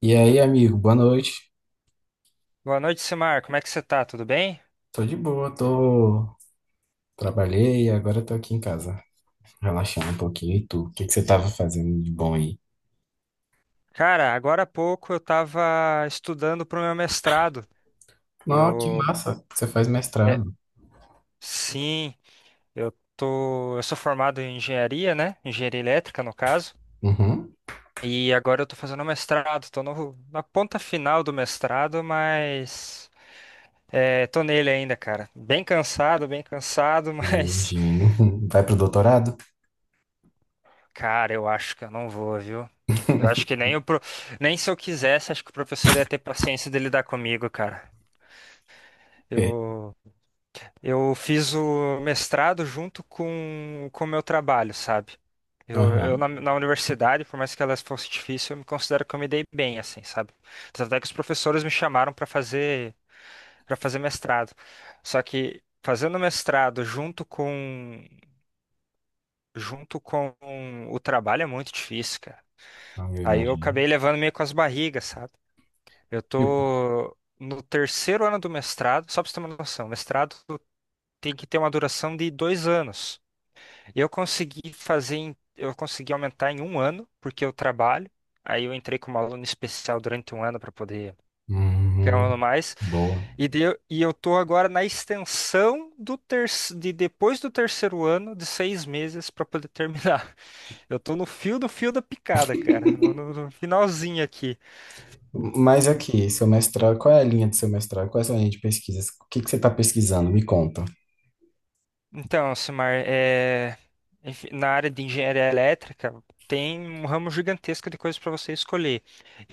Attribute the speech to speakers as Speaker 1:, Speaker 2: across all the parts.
Speaker 1: E aí, amigo, boa noite.
Speaker 2: Boa noite, Simar. Como é que você tá? Tudo bem?
Speaker 1: Tô de boa, tô. Trabalhei e agora tô aqui em casa, relaxando um pouquinho. E tu? O que que você tava fazendo de bom aí?
Speaker 2: Cara, agora há pouco eu tava estudando pro meu mestrado.
Speaker 1: Não, que
Speaker 2: Eu,
Speaker 1: massa, você faz
Speaker 2: é,
Speaker 1: mestrado.
Speaker 2: sim, eu tô, eu sou formado em engenharia, né? Engenharia elétrica, no caso.
Speaker 1: Uhum.
Speaker 2: E agora eu tô fazendo mestrado. Tô no, na ponta final do mestrado, mas tô nele ainda, cara. Bem cansado,
Speaker 1: Eu
Speaker 2: mas,
Speaker 1: imagino. Vai pro doutorado?
Speaker 2: cara, eu acho que eu não vou, viu? Eu acho que nem o pro- nem se eu quisesse, acho que o professor ia ter paciência de lidar comigo, cara.
Speaker 1: É.
Speaker 2: Eu, eu fiz o mestrado junto com o meu trabalho, sabe? Eu, eu
Speaker 1: Aham,
Speaker 2: na, na universidade, por mais que elas fosse difícil, eu me considero que eu me dei bem, assim, sabe? Tanto é que os professores me chamaram para fazer mestrado. Só que fazendo mestrado junto com o trabalho é muito difícil, cara.
Speaker 1: eu
Speaker 2: Aí eu
Speaker 1: imagino.
Speaker 2: acabei levando meio com as barrigas, sabe? Eu
Speaker 1: Tipo,
Speaker 2: tô no terceiro ano do mestrado, só pra você ter uma noção, mestrado tem que ter uma duração de dois anos. Eu consegui fazer, eu consegui aumentar em um ano, porque eu trabalho. Aí eu entrei como aluno especial durante um ano para poder ganhar um
Speaker 1: uhum,
Speaker 2: ano mais.
Speaker 1: boa.
Speaker 2: E eu tô agora na extensão de depois do terceiro ano de seis meses para poder terminar. Eu tô no fio da picada, cara, no finalzinho aqui.
Speaker 1: Mas aqui, seu mestrado, qual é a linha do seu mestrado? Qual é a sua linha de pesquisas? O que que você tá pesquisando? Me conta.
Speaker 2: Então, Simar, na área de engenharia elétrica tem um ramo gigantesco de coisas para você escolher.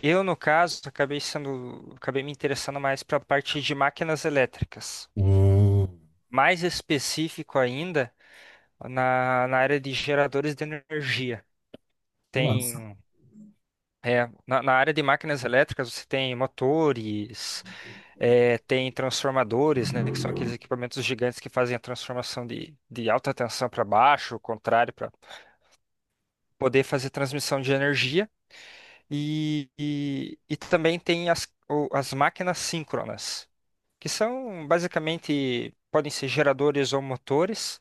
Speaker 2: Eu, no caso, acabei me interessando mais para a parte de máquinas elétricas.
Speaker 1: Hum,
Speaker 2: Mais específico ainda, na área de geradores de energia.
Speaker 1: que massa.
Speaker 2: Tem, na área de máquinas elétricas, você tem motores, tem transformadores, né, que são aqueles equipamentos gigantes que fazem a transformação de alta tensão para baixo, o contrário poder fazer transmissão de energia e também tem as máquinas síncronas, que são basicamente podem ser geradores ou motores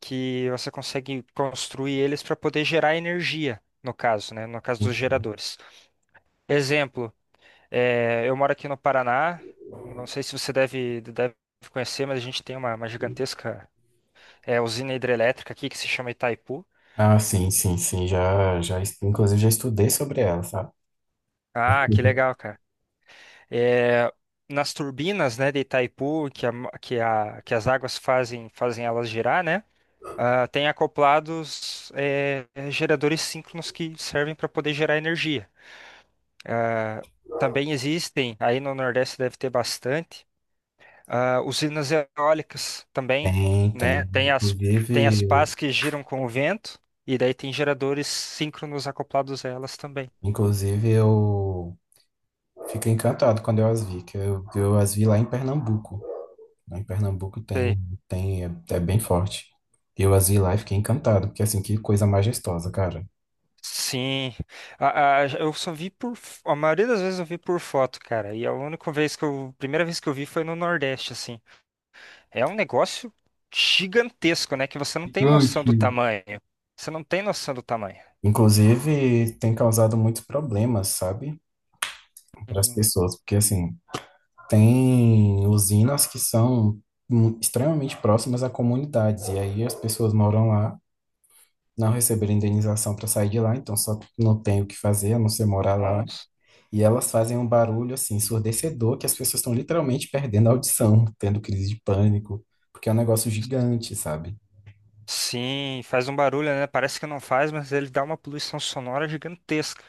Speaker 2: que você consegue construir eles para poder gerar energia, no caso, né? No caso dos geradores. Exemplo, eu moro aqui no Paraná, não sei se você deve conhecer, mas a gente tem uma gigantesca usina hidrelétrica aqui que se chama Itaipu.
Speaker 1: Ah, sim, sim, sim. Já, já, inclusive, já estudei sobre ela, sabe?
Speaker 2: Ah, que legal, cara. É, nas turbinas, né, de Itaipu, que as águas fazem elas girar, né, ah, tem acoplados geradores síncronos que servem para poder gerar energia. Ah, também existem, aí no Nordeste deve ter bastante, ah, usinas eólicas também,
Speaker 1: Tem,
Speaker 2: né,
Speaker 1: tem.
Speaker 2: tem
Speaker 1: Inclusive,
Speaker 2: as pás que giram com o vento, e daí tem geradores síncronos acoplados a elas também.
Speaker 1: eu fiquei encantado quando eu as vi, que eu as vi lá em Pernambuco. Lá em Pernambuco tem, tem, é, é bem forte. Eu as vi lá e fiquei encantado, porque assim, que coisa majestosa, cara.
Speaker 2: Sim, eu só vi por. A maioria das vezes eu vi por foto, cara. E a única vez que eu. Primeira vez que eu vi foi no Nordeste, assim. É um negócio gigantesco, né? Que você não tem noção
Speaker 1: Gigante.
Speaker 2: do tamanho. Você não tem noção do tamanho.
Speaker 1: Inclusive, tem causado muitos problemas, sabe? Para as
Speaker 2: Hum.
Speaker 1: pessoas, porque assim, tem usinas que são extremamente próximas a comunidades, e aí as pessoas moram lá, não receberam indenização para sair de lá, então só não tem o que fazer, a não ser morar lá.
Speaker 2: Nossa.
Speaker 1: E elas fazem um barulho assim ensurdecedor que as pessoas estão literalmente perdendo a audição, tendo crise de pânico, porque é um negócio gigante, sabe?
Speaker 2: Sim, faz um barulho, né? Parece que não faz, mas ele dá uma poluição sonora gigantesca,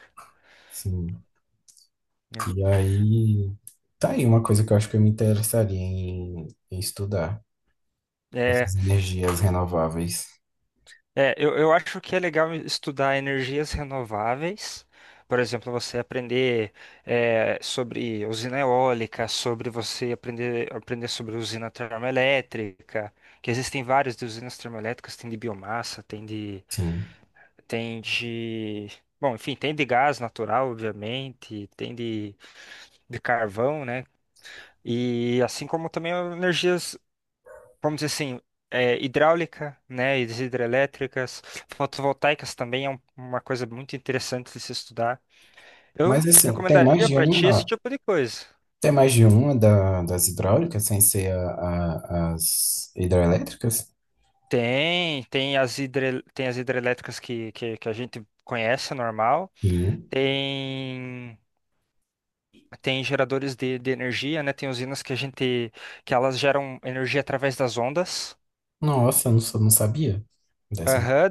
Speaker 1: Sim.
Speaker 2: né?
Speaker 1: E aí, tá aí uma coisa que eu acho que eu me interessaria em estudar,
Speaker 2: É.
Speaker 1: essas energias renováveis.
Speaker 2: É, eu acho que é legal estudar energias renováveis. Por exemplo, você aprender sobre usina eólica, sobre você aprender sobre usina termoelétrica, que existem várias de usinas termoelétricas, tem de biomassa,
Speaker 1: Sim.
Speaker 2: tem de, tem de gás natural, obviamente, de carvão, né? E assim como também energias, vamos dizer assim, hidráulica, né, e das hidrelétricas, fotovoltaicas também é uma coisa muito interessante de se estudar. Eu
Speaker 1: Mas assim, tem mais
Speaker 2: recomendaria
Speaker 1: de
Speaker 2: para ti esse
Speaker 1: uma.
Speaker 2: tipo de coisa.
Speaker 1: Tem mais de uma das hidráulicas, sem ser as hidroelétricas?
Speaker 2: Tem, tem as hidrelétricas que a gente conhece, normal.
Speaker 1: Sim.
Speaker 2: Tem tem geradores de energia, né? Tem usinas que a gente que elas geram energia através das ondas.
Speaker 1: Nossa, eu não, sou- não sabia. Dessa-
Speaker 2: Aham.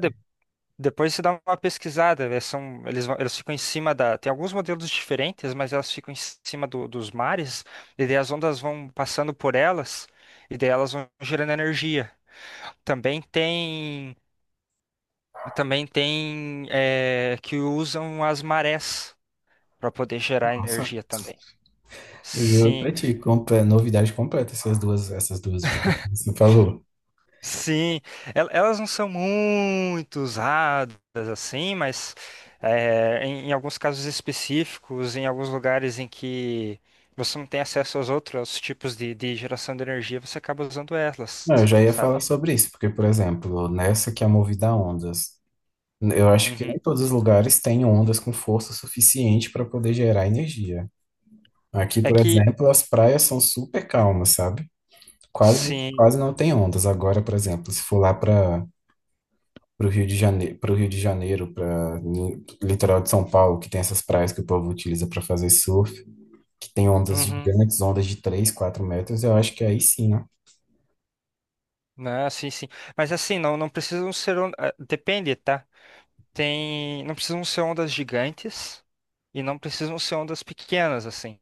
Speaker 2: Depois você dá uma pesquisada, elas são, eles, vão- elas ficam em cima da. Tem alguns modelos diferentes, mas elas ficam em cima dos mares, e daí as ondas vão passando por elas, e daí elas vão gerando energia. Também tem, que usam as marés para poder gerar
Speaker 1: Nossa,
Speaker 2: energia também.
Speaker 1: eu juro
Speaker 2: Sim.
Speaker 1: pra ti, novidade completa essas duas últimas que você falou.
Speaker 2: Sim, elas não são muito usadas assim, mas em alguns casos específicos, em alguns lugares em que você não tem acesso aos outros tipos de geração de energia, você acaba usando elas,
Speaker 1: Não, eu já ia falar
Speaker 2: sabe?
Speaker 1: sobre isso, porque, por exemplo, nessa que é movida a ondas, eu acho que
Speaker 2: Uhum.
Speaker 1: nem todos os lugares têm ondas com força suficiente para poder gerar energia. Aqui,
Speaker 2: É
Speaker 1: por
Speaker 2: que,
Speaker 1: exemplo, as praias são super calmas, sabe? Quase,
Speaker 2: sim,
Speaker 1: quase não tem ondas. Agora, por exemplo, se for lá para o Rio de Janeiro, para Rio de Janeiro, para litoral de São Paulo, que tem essas praias que o povo utiliza para fazer surf, que tem ondas
Speaker 2: uhum,
Speaker 1: gigantes, ondas de 3, 4 metros, eu acho que aí sim, né?
Speaker 2: né, sim, sim. Mas assim, não, não precisam ser, depende, tá? Tem, não precisam ser ondas gigantes e não precisam ser ondas pequenas, assim.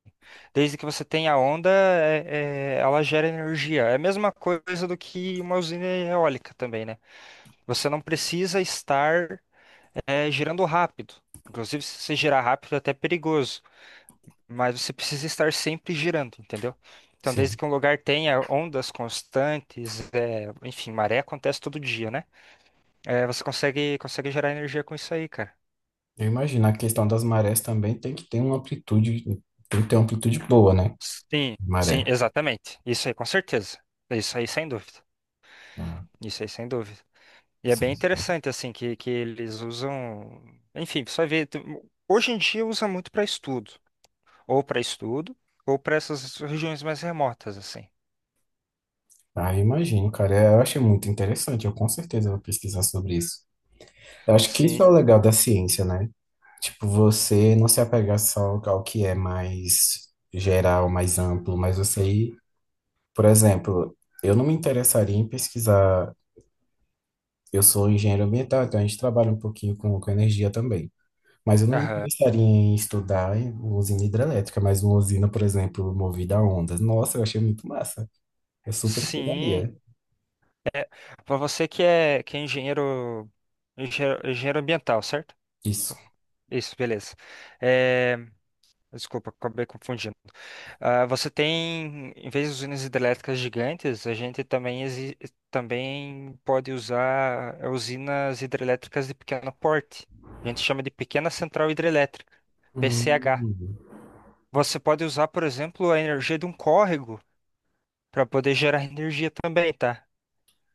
Speaker 2: Desde que você tenha a onda, é, ela gera energia. É a mesma coisa do que uma usina eólica também, né? Você não precisa estar girando rápido. Inclusive, se você girar rápido, é até perigoso. Mas você precisa estar sempre girando, entendeu? Então, desde
Speaker 1: Sim.
Speaker 2: que um lugar tenha ondas constantes, é, enfim, maré acontece todo dia, né? É, você consegue gerar energia com isso aí, cara.
Speaker 1: Eu imagino, a questão das marés também tem que ter uma amplitude, tem que ter uma amplitude boa, né?
Speaker 2: Sim, sim,
Speaker 1: Maré.
Speaker 2: exatamente. Isso aí, com certeza. Isso aí, sem dúvida.
Speaker 1: Ah,
Speaker 2: Isso aí, sem dúvida. E é bem
Speaker 1: sim.
Speaker 2: interessante, assim, que eles usam. Enfim, você vai ver. Hoje em dia usa muito para estudo. Ou para estudo, ou para essas regiões mais remotas, assim.
Speaker 1: Ah, eu imagino, cara. É, eu achei muito interessante. Eu com certeza vou pesquisar sobre isso. Eu acho que isso
Speaker 2: Sim.
Speaker 1: é o legal da ciência, né? Tipo, você não se apegar só ao que é mais geral, mais amplo, mas você ir. Por exemplo, eu não me interessaria em pesquisar. Eu sou engenheiro ambiental, então a gente trabalha um pouquinho com energia também. Mas eu não me
Speaker 2: Aham.
Speaker 1: interessaria em estudar em usina hidrelétrica, mas uma usina, por exemplo, movida a ondas. Nossa, eu achei muito massa. Eu super
Speaker 2: Sim.
Speaker 1: estudaria
Speaker 2: Para você que é engenheiro, engenheiro ambiental, certo?
Speaker 1: isso.
Speaker 2: Isso, beleza. É, desculpa, acabei confundindo. Ah, você tem, em vez de usinas hidrelétricas gigantes, a gente também pode usar, usinas hidrelétricas de pequeno porte. A gente chama de pequena central hidrelétrica, PCH.
Speaker 1: Hum,
Speaker 2: Você pode usar, por exemplo, a energia de um córrego para poder gerar energia também, tá?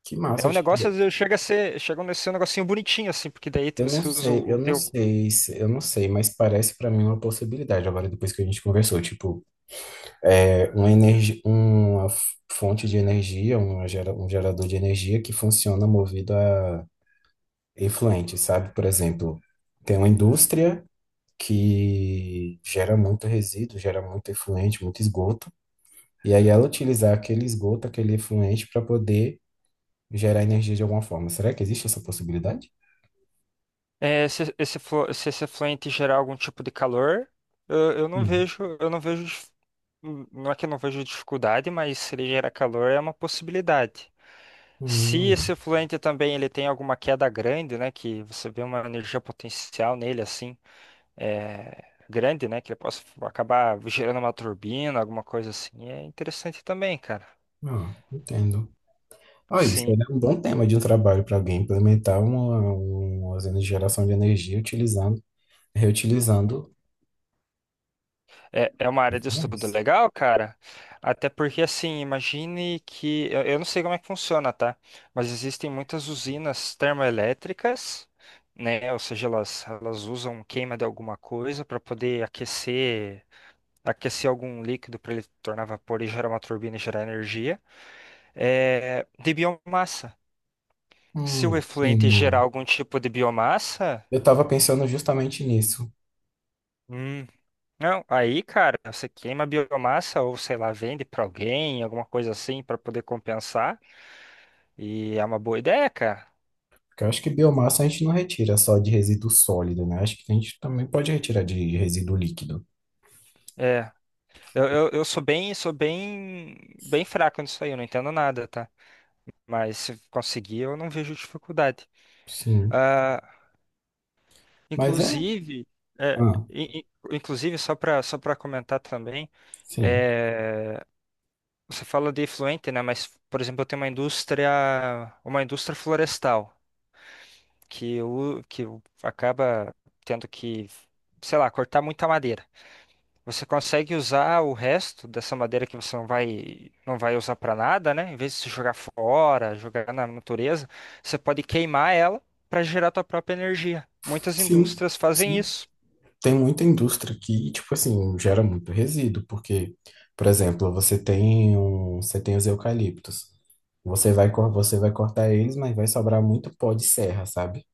Speaker 1: que
Speaker 2: É
Speaker 1: massa,
Speaker 2: um negócio,
Speaker 1: tipo,
Speaker 2: chega a ser um negocinho bonitinho, assim, porque daí você usa o teu.
Speaker 1: eu não sei, mas parece pra mim uma possibilidade agora depois que a gente conversou, tipo, uma, energia, uma fonte de energia, uma gera- um gerador de energia que funciona movido a efluente, sabe? Por exemplo, tem uma indústria que gera muito resíduo, gera muito efluente, muito esgoto, e aí ela utilizar aquele esgoto, aquele efluente, para poder gerar energia de alguma forma. Será que existe essa possibilidade?
Speaker 2: É, se se esse fluente gerar algum tipo de calor,
Speaker 1: Hum.
Speaker 2: eu não vejo, não é que eu não vejo dificuldade, mas se ele gera calor é uma possibilidade. Se
Speaker 1: Hum.
Speaker 2: esse fluente também ele tem alguma queda grande, né, que você vê uma energia potencial nele assim, é, grande, né, que ele possa acabar gerando uma turbina, alguma coisa assim, é interessante também, cara.
Speaker 1: Ah, entendo. Ah, isso
Speaker 2: Sim.
Speaker 1: é um bom tema de um trabalho para alguém implementar uma usina de geração de energia utilizando. Reutilizando
Speaker 2: É, é uma área de
Speaker 1: biomas.
Speaker 2: estudo legal, cara. Até porque, assim, imagine que. Eu não sei como é que funciona, tá? Mas existem muitas usinas termoelétricas, né? Ou seja, elas usam queima de alguma coisa para poder aquecer, aquecer algum líquido para ele tornar vapor e gerar uma turbina e gerar energia. É, de biomassa. Se o
Speaker 1: Sim,
Speaker 2: efluente gerar
Speaker 1: mano.
Speaker 2: algum tipo de biomassa.
Speaker 1: Eu estava pensando justamente nisso.
Speaker 2: Hum. Não, aí, cara, você queima a biomassa ou sei lá, vende pra alguém, alguma coisa assim, pra poder compensar. E é uma boa ideia, cara.
Speaker 1: Porque eu acho que biomassa a gente não retira só de resíduo sólido, né? Acho que a gente também pode retirar de resíduo líquido.
Speaker 2: É, sou bem, bem fraco nisso aí, eu não entendo nada, tá? Mas se conseguir, eu não vejo dificuldade.
Speaker 1: Sim.
Speaker 2: Ah,
Speaker 1: Mas é.
Speaker 2: inclusive, é,
Speaker 1: Ah,
Speaker 2: in- in- inclusive só para, só para comentar também,
Speaker 1: sim.
Speaker 2: é, você fala de efluente, né? Mas, por exemplo, eu tenho uma indústria florestal, que acaba tendo que, sei lá, cortar muita madeira. Você consegue usar o resto dessa madeira que você não vai usar para nada, né? Em vez de se jogar fora, jogar na natureza, você pode queimar ela para gerar tua própria energia. Muitas
Speaker 1: Sim,
Speaker 2: indústrias fazem
Speaker 1: sim.
Speaker 2: isso.
Speaker 1: Tem muita indústria que, tipo assim, gera muito resíduo. Porque, por exemplo, você tem você tem os eucaliptos. Você vai cortar eles, mas vai sobrar muito pó de serra, sabe?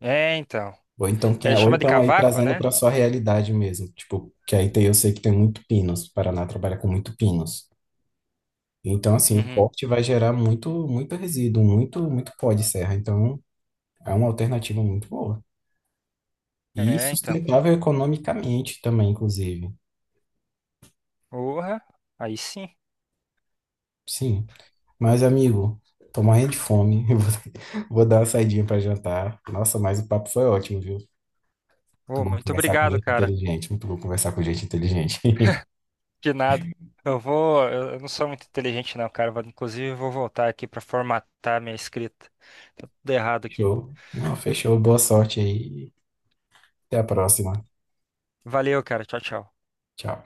Speaker 2: É, então.
Speaker 1: Ou então, quem
Speaker 2: É,
Speaker 1: é, ou
Speaker 2: chama de
Speaker 1: então aí
Speaker 2: cavaco,
Speaker 1: trazendo
Speaker 2: né?
Speaker 1: para sua realidade mesmo. Tipo, que aí tem, eu sei que tem muito pinos. O Paraná trabalha com muito pinos. Então, assim, o
Speaker 2: Uhum.
Speaker 1: corte vai gerar muito, muito resíduo, muito, muito pó de serra. Então, é uma alternativa muito boa. E
Speaker 2: É, então.
Speaker 1: sustentável economicamente também, inclusive.
Speaker 2: Porra, aí sim.
Speaker 1: Sim. Mas, amigo, tô morrendo de fome. Vou dar uma saidinha para jantar. Nossa, mas o papo foi ótimo, viu? Muito
Speaker 2: Ô,
Speaker 1: bom
Speaker 2: muito
Speaker 1: conversar com
Speaker 2: obrigado,
Speaker 1: gente
Speaker 2: cara.
Speaker 1: inteligente. Muito bom conversar com gente inteligente.
Speaker 2: De nada. Eu vou. Eu não sou muito inteligente, não, cara. Inclusive, eu vou voltar aqui pra formatar minha escrita. Tá tudo errado aqui.
Speaker 1: fechou. Não, fechou. Boa sorte aí. Até a próxima.
Speaker 2: Valeu, cara. Tchau, tchau.
Speaker 1: Tchau.